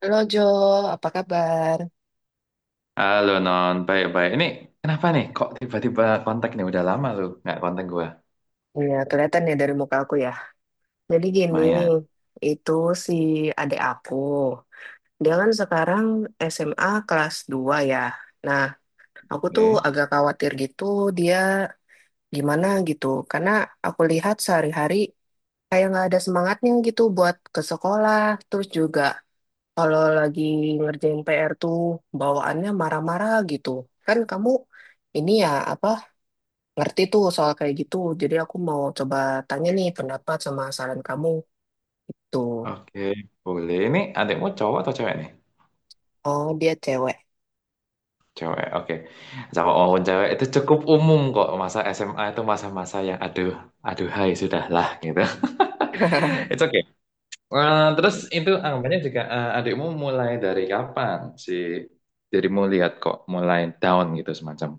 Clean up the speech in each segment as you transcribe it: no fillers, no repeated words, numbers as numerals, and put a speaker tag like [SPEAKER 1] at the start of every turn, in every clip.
[SPEAKER 1] Halo Jo, apa kabar?
[SPEAKER 2] Halo Non, baik-baik. Ini kenapa nih? Kok tiba-tiba kontak nih? Udah lama lu nggak kontak gua.
[SPEAKER 1] Iya, kelihatan ya dari muka aku ya. Jadi gini,
[SPEAKER 2] Mayan.
[SPEAKER 1] itu si adik aku. Dia kan sekarang SMA kelas 2 ya. Nah, aku tuh
[SPEAKER 2] Oke,
[SPEAKER 1] agak khawatir gitu dia gimana gitu. Karena aku lihat sehari-hari kayak nggak ada semangatnya gitu buat ke sekolah. Terus juga kalau lagi ngerjain PR tuh bawaannya marah-marah gitu. Kan kamu ini ya apa ngerti tuh soal kayak gitu. Jadi aku mau coba tanya nih pendapat sama saran kamu. Itu.
[SPEAKER 2] oke, boleh. Ini adikmu cowok atau cewek nih?
[SPEAKER 1] Oh, dia cewek.
[SPEAKER 2] Cewek, oke. Sama maupun cewek itu cukup umum kok. Masa SMA itu masa-masa yang aduh, aduh hai, sudahlah gitu. It's okay. Terus itu anggapannya juga adikmu mulai dari kapan sih? Jadi mau lihat kok mulai down gitu semacam.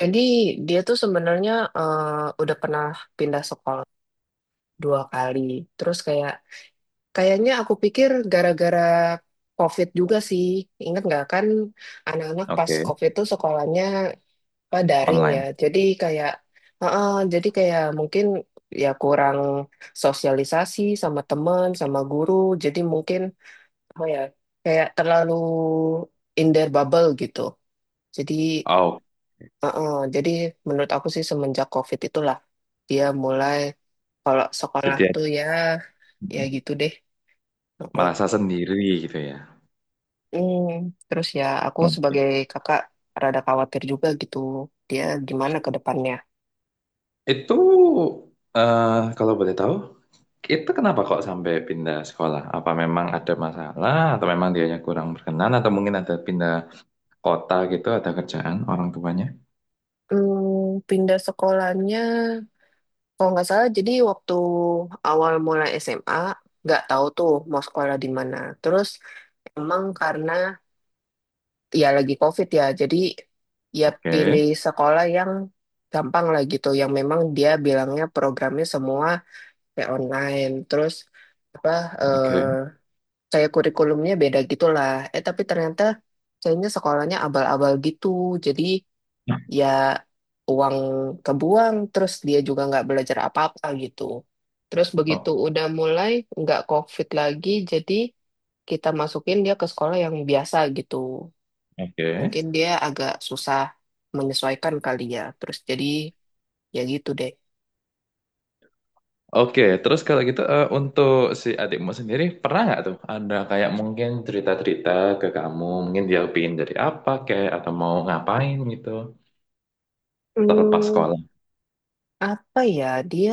[SPEAKER 1] Jadi dia tuh sebenarnya eh, udah pernah pindah sekolah dua kali. Terus kayak kayaknya aku pikir gara-gara COVID juga sih. Ingat nggak kan anak-anak pas
[SPEAKER 2] Oke.
[SPEAKER 1] COVID tuh sekolahnya apa, daring ya.
[SPEAKER 2] Online.
[SPEAKER 1] Jadi kayak heeh, jadi kayak mungkin ya kurang sosialisasi sama teman, sama guru. Jadi mungkin apa ya kayak terlalu in their bubble gitu jadi
[SPEAKER 2] Oh,
[SPEAKER 1] jadi menurut aku sih semenjak COVID itulah dia mulai kalau sekolah
[SPEAKER 2] jadi ya.
[SPEAKER 1] tuh ya ya
[SPEAKER 2] Hmm.
[SPEAKER 1] gitu deh. Uh, uh.
[SPEAKER 2] Merasa sendiri gitu ya
[SPEAKER 1] Hmm, terus ya aku
[SPEAKER 2] mungkin
[SPEAKER 1] sebagai kakak rada khawatir juga gitu dia gimana ke depannya.
[SPEAKER 2] itu. eh, Kalau boleh tahu, itu kenapa kok sampai pindah sekolah, apa memang ada masalah atau memang dianya kurang berkenan, atau mungkin ada pindah kota gitu, ada kerjaan orang tuanya.
[SPEAKER 1] Hmm, pindah sekolahnya kalau nggak salah jadi waktu awal mulai SMA nggak tahu tuh mau sekolah di mana terus emang karena ya lagi COVID ya, jadi ya
[SPEAKER 2] Oke,
[SPEAKER 1] pilih sekolah yang gampang lah gitu, yang memang dia bilangnya programnya semua kayak online, terus apa eh,
[SPEAKER 2] oke.
[SPEAKER 1] kayak kurikulumnya beda gitulah. Eh tapi ternyata kayaknya sekolahnya abal-abal gitu, jadi ya uang kebuang, terus dia juga nggak belajar apa-apa gitu. Terus begitu
[SPEAKER 2] Oh,
[SPEAKER 1] udah mulai nggak COVID lagi, jadi kita masukin dia ke sekolah yang biasa gitu.
[SPEAKER 2] oke,
[SPEAKER 1] Mungkin dia agak susah menyesuaikan kali ya. Terus jadi ya gitu deh.
[SPEAKER 2] oke. Terus kalau gitu, untuk si adikmu sendiri, pernah nggak tuh ada kayak mungkin cerita-cerita ke kamu, mungkin dia pingin dari apa kayak atau mau ngapain gitu terlepas
[SPEAKER 1] Hmm,
[SPEAKER 2] sekolah.
[SPEAKER 1] apa ya? Dia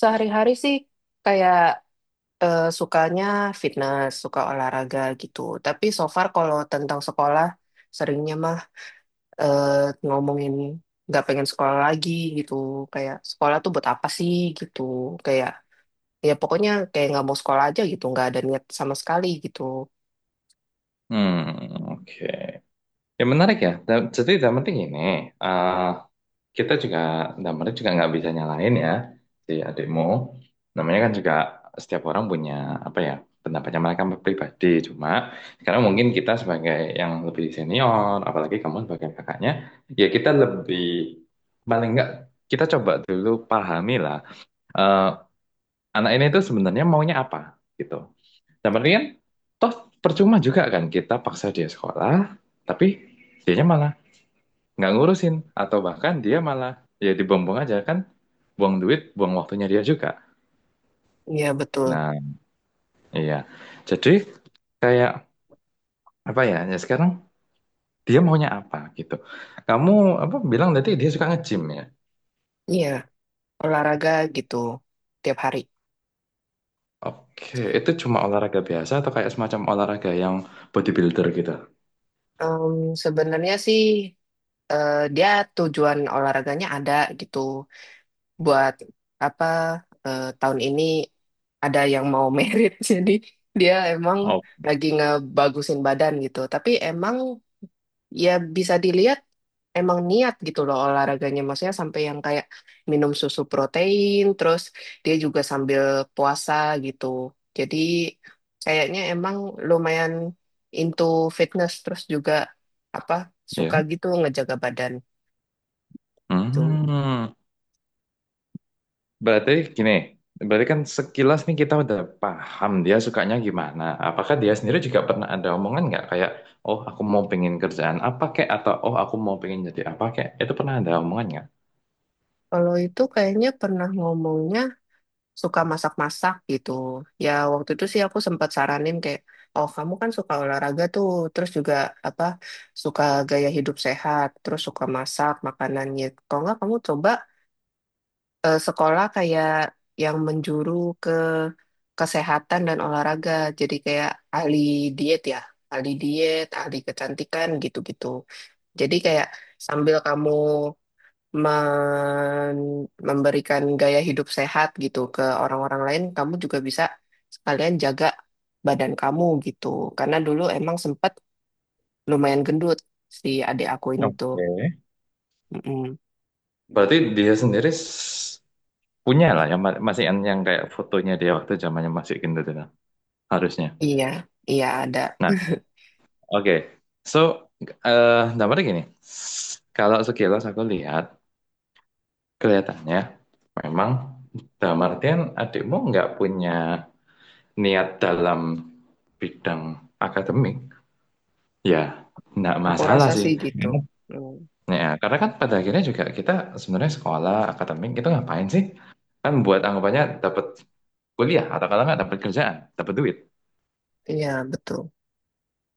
[SPEAKER 1] sehari-hari sih kayak sukanya fitness, suka olahraga gitu. Tapi so far kalau tentang sekolah, seringnya mah eh, ngomongin nggak pengen sekolah lagi gitu. Kayak sekolah tuh buat apa sih gitu. Kayak ya pokoknya kayak nggak mau sekolah aja gitu. Nggak ada niat sama sekali gitu.
[SPEAKER 2] Hmm, oke. Ya, menarik ya. Jadi yang penting ini, eh, kita juga, dalam arti juga nggak bisa nyalain ya si adikmu. Namanya kan juga setiap orang punya apa ya pendapatnya mereka pribadi. Cuma sekarang mungkin kita sebagai yang lebih senior, apalagi kamu sebagai kakaknya, ya kita lebih paling nggak kita coba dulu pahami lah, eh, anak ini itu sebenarnya maunya apa gitu. Dan kan toh percuma juga kan kita paksa dia sekolah, tapi dianya malah nggak ngurusin, atau bahkan dia malah ya dibuang-buang aja kan, buang duit, buang waktunya dia juga.
[SPEAKER 1] Iya betul.
[SPEAKER 2] Nah, iya. Jadi kayak apa ya? Ya sekarang dia maunya apa gitu. Kamu apa bilang nanti dia suka nge-gym ya?
[SPEAKER 1] Iya. Olahraga gitu tiap hari.
[SPEAKER 2] Oke, itu cuma olahraga biasa atau kayak semacam olahraga yang bodybuilder gitu?
[SPEAKER 1] Em, sebenarnya sih dia tujuan olahraganya ada gitu buat apa tahun ini ada yang mau merit jadi dia emang
[SPEAKER 2] Oh,
[SPEAKER 1] lagi ngebagusin badan gitu. Tapi emang ya bisa dilihat emang niat gitu loh olahraganya. Maksudnya sampai yang kayak minum susu protein, terus dia juga sambil puasa gitu. Jadi kayaknya emang lumayan into fitness, terus juga apa
[SPEAKER 2] ya.
[SPEAKER 1] suka gitu ngejaga badan tuh.
[SPEAKER 2] Hmm. Berarti gini, berarti kan sekilas nih kita udah paham dia sukanya gimana. Apakah dia sendiri juga pernah ada omongan nggak kayak, oh aku mau pengen kerjaan apa kek, atau oh aku mau pengen jadi apa kek. Itu pernah ada omongan nggak?
[SPEAKER 1] Kalau itu kayaknya pernah ngomongnya suka masak-masak gitu. Ya waktu itu sih aku sempat saranin kayak, oh kamu kan suka olahraga tuh, terus juga apa suka gaya hidup sehat, terus suka masak makanannya. Kalau nggak kamu coba sekolah kayak yang menjuru ke kesehatan dan olahraga, jadi kayak ahli diet ya, ahli diet, ahli kecantikan gitu-gitu. Jadi kayak sambil kamu memberikan gaya hidup sehat gitu ke orang-orang lain, kamu juga bisa sekalian jaga badan kamu gitu. Karena dulu emang sempat lumayan gendut si adik aku ini tuh.
[SPEAKER 2] Oke.
[SPEAKER 1] Mm-mm.
[SPEAKER 2] Berarti dia sendiri punya lah yang masih yang, kayak fotonya dia waktu zamannya masih gitu harusnya.
[SPEAKER 1] Iya, iya ada.
[SPEAKER 2] Nah, oke. So, dampaknya gini. S- Kalau sekilas aku lihat kelihatannya memang dalam artian adikmu nggak punya niat dalam bidang akademik, ya nggak
[SPEAKER 1] Aku
[SPEAKER 2] masalah
[SPEAKER 1] rasa
[SPEAKER 2] sih.
[SPEAKER 1] sih gitu. Mm.
[SPEAKER 2] Ya, karena kan pada akhirnya juga kita sebenarnya sekolah akademik itu ngapain sih? Kan buat anggapannya dapat kuliah, atau kalau nggak dapat kerjaan, dapat duit.
[SPEAKER 1] Iya, betul.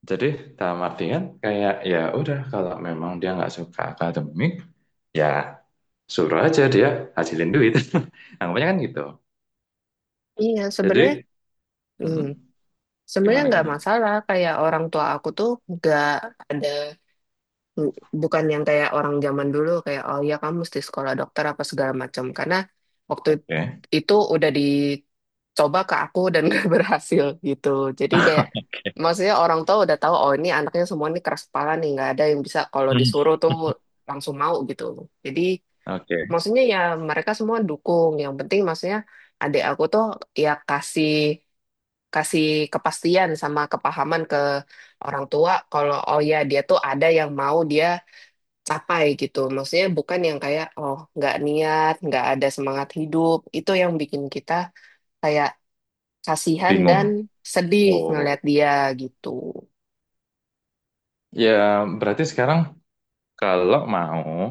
[SPEAKER 2] Jadi dalam artian kayak ya udah, kalau memang dia nggak suka akademik, ya suruh aja dia hasilin duit. Anggapannya kan gitu.
[SPEAKER 1] Iya, sebenarnya
[SPEAKER 2] Jadi
[SPEAKER 1] mm,
[SPEAKER 2] hmm,
[SPEAKER 1] sebenarnya
[SPEAKER 2] gimana
[SPEAKER 1] nggak
[SPEAKER 2] gimana?
[SPEAKER 1] masalah. Kayak orang tua aku tuh nggak ada Bu- bukan yang kayak orang zaman dulu kayak oh ya kamu mesti sekolah dokter apa segala macam karena waktu
[SPEAKER 2] Oke.
[SPEAKER 1] itu udah dicoba ke aku dan gak berhasil gitu jadi kayak maksudnya orang tua udah tahu oh ini anaknya semua ini keras kepala nih nggak ada yang bisa kalau
[SPEAKER 2] Hmm.
[SPEAKER 1] disuruh tuh langsung mau gitu jadi
[SPEAKER 2] Oke, okay.
[SPEAKER 1] maksudnya ya mereka semua dukung yang penting maksudnya adik aku tuh ya kasih kasih kepastian sama kepahaman ke orang tua kalau oh ya dia tuh ada yang mau dia capai gitu. Maksudnya bukan yang kayak oh nggak niat, nggak ada semangat hidup. Itu yang bikin kita kayak kasihan dan
[SPEAKER 2] Bingung.
[SPEAKER 1] sedih ngeliat
[SPEAKER 2] Oh,
[SPEAKER 1] dia gitu.
[SPEAKER 2] ya, berarti sekarang. Kalau mau,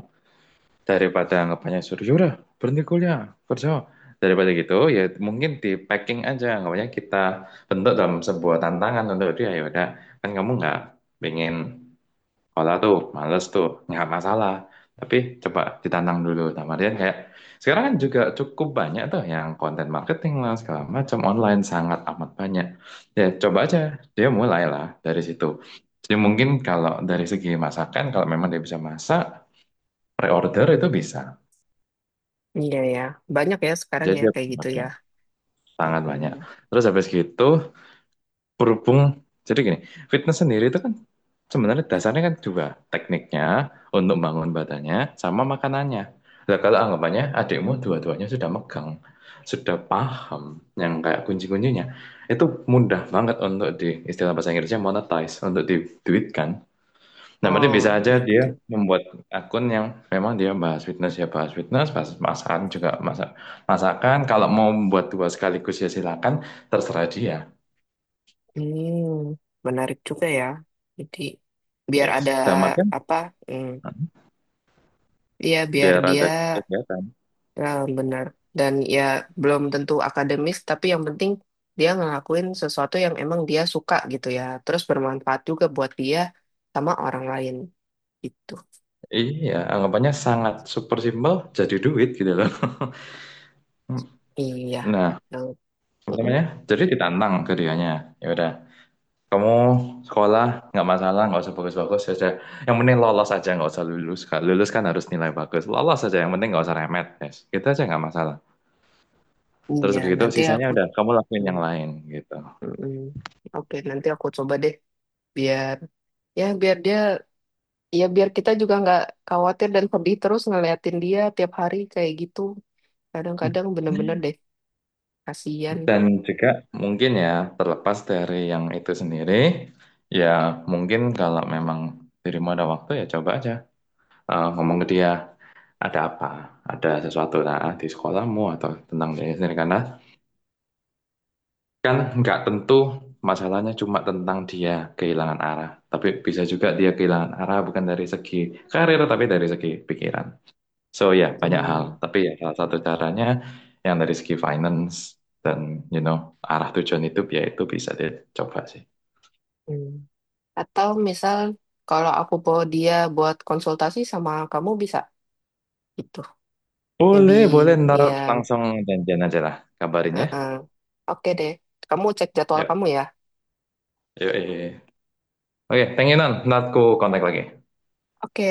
[SPEAKER 2] daripada anggapannya suruh, yaudah berhenti kuliah, kerja. Daripada gitu, ya mungkin di packing aja. Anggapannya kita bentuk dalam sebuah tantangan untuk dia, yaudah. Kan kamu nggak pengen olah tuh, males tuh, nggak masalah. Tapi coba ditantang dulu. Sama dia kayak, sekarang kan juga cukup banyak tuh yang konten marketing lah, segala macam online sangat amat banyak. Ya coba aja, dia mulailah dari situ. Jadi mungkin kalau dari segi masakan, kalau memang dia bisa masak, pre-order itu bisa.
[SPEAKER 1] Iya ya, banyak ya sekarang
[SPEAKER 2] Jadi
[SPEAKER 1] ya
[SPEAKER 2] dia
[SPEAKER 1] kayak gitu
[SPEAKER 2] pakai
[SPEAKER 1] ya.
[SPEAKER 2] sangat banyak.
[SPEAKER 1] Mm-mm.
[SPEAKER 2] Terus habis gitu, berhubung jadi gini, fitness sendiri itu kan sebenarnya dasarnya kan dua, tekniknya untuk bangun badannya sama makanannya. Nah, kalau anggapannya adikmu dua-duanya sudah megang, sudah paham yang kayak kunci-kuncinya, itu mudah banget untuk di istilah bahasa Inggrisnya monetize, untuk diduitkan. Nah, berarti bisa
[SPEAKER 1] Oh
[SPEAKER 2] aja
[SPEAKER 1] iya
[SPEAKER 2] dia
[SPEAKER 1] betul.
[SPEAKER 2] membuat akun yang memang dia bahas fitness ya bahas fitness, bahas masakan juga masak masakan. Kalau mau membuat dua sekaligus ya silakan, terserah dia.
[SPEAKER 1] Hmm, menarik juga ya. Jadi biar ada
[SPEAKER 2] Yes. Dalam artian
[SPEAKER 1] apa? Hmm, iya biar
[SPEAKER 2] biar
[SPEAKER 1] dia
[SPEAKER 2] ada kegiatan.
[SPEAKER 1] ya, benar. Dan ya belum tentu akademis, tapi yang penting dia ngelakuin sesuatu yang emang dia suka gitu ya. Terus bermanfaat juga buat dia sama orang lain gitu.
[SPEAKER 2] Iya, anggapannya sangat super simple jadi duit gitu loh.
[SPEAKER 1] Iya.
[SPEAKER 2] Nah,
[SPEAKER 1] Yang-
[SPEAKER 2] apa namanya?
[SPEAKER 1] mm-mm.
[SPEAKER 2] Jadi ditantang ke dianya. Ya udah. Kamu sekolah nggak masalah, nggak usah bagus-bagus saja. Yang penting lolos aja, nggak usah lulus. Kan lulus kan harus nilai bagus. Lolos aja, yang penting nggak usah remet tes. Gitu aja nggak masalah. Terus
[SPEAKER 1] Iya,
[SPEAKER 2] habis itu
[SPEAKER 1] nanti
[SPEAKER 2] sisanya
[SPEAKER 1] aku
[SPEAKER 2] udah kamu lakuin
[SPEAKER 1] mm,
[SPEAKER 2] yang lain gitu.
[SPEAKER 1] mm-mm. Oke, nanti aku coba deh biar ya biar dia ya biar kita juga nggak khawatir dan pedih terus ngeliatin dia tiap hari kayak gitu. Kadang-kadang bener-bener deh kasihan.
[SPEAKER 2] Dan juga mungkin ya terlepas dari yang itu sendiri, ya mungkin kalau memang dirimu ada waktu ya coba aja. Ngomong ke dia ada apa, ada sesuatu lah di sekolahmu atau tentang diri sendiri, karena kan nggak tentu masalahnya cuma tentang dia kehilangan arah. Tapi bisa juga dia kehilangan arah bukan dari segi karir, tapi dari segi pikiran. So ya, banyak hal.
[SPEAKER 1] Hmm.
[SPEAKER 2] Tapi ya salah satu caranya yang dari segi finance dan you know arah tujuan hidup ya, itu bisa dicoba sih.
[SPEAKER 1] Hmm. Atau misal kalau aku bawa dia buat konsultasi sama kamu bisa gitu. Maybe
[SPEAKER 2] Boleh, boleh. Ntar
[SPEAKER 1] iya.
[SPEAKER 2] langsung janjian aja lah, kabarin ya.
[SPEAKER 1] Heeh. Oke deh. Kamu cek jadwal
[SPEAKER 2] Yuk,
[SPEAKER 1] kamu ya.
[SPEAKER 2] yuk, yuk, yuk. Oke, thank you, Nan. Ntar ku kontak lagi.
[SPEAKER 1] Oke.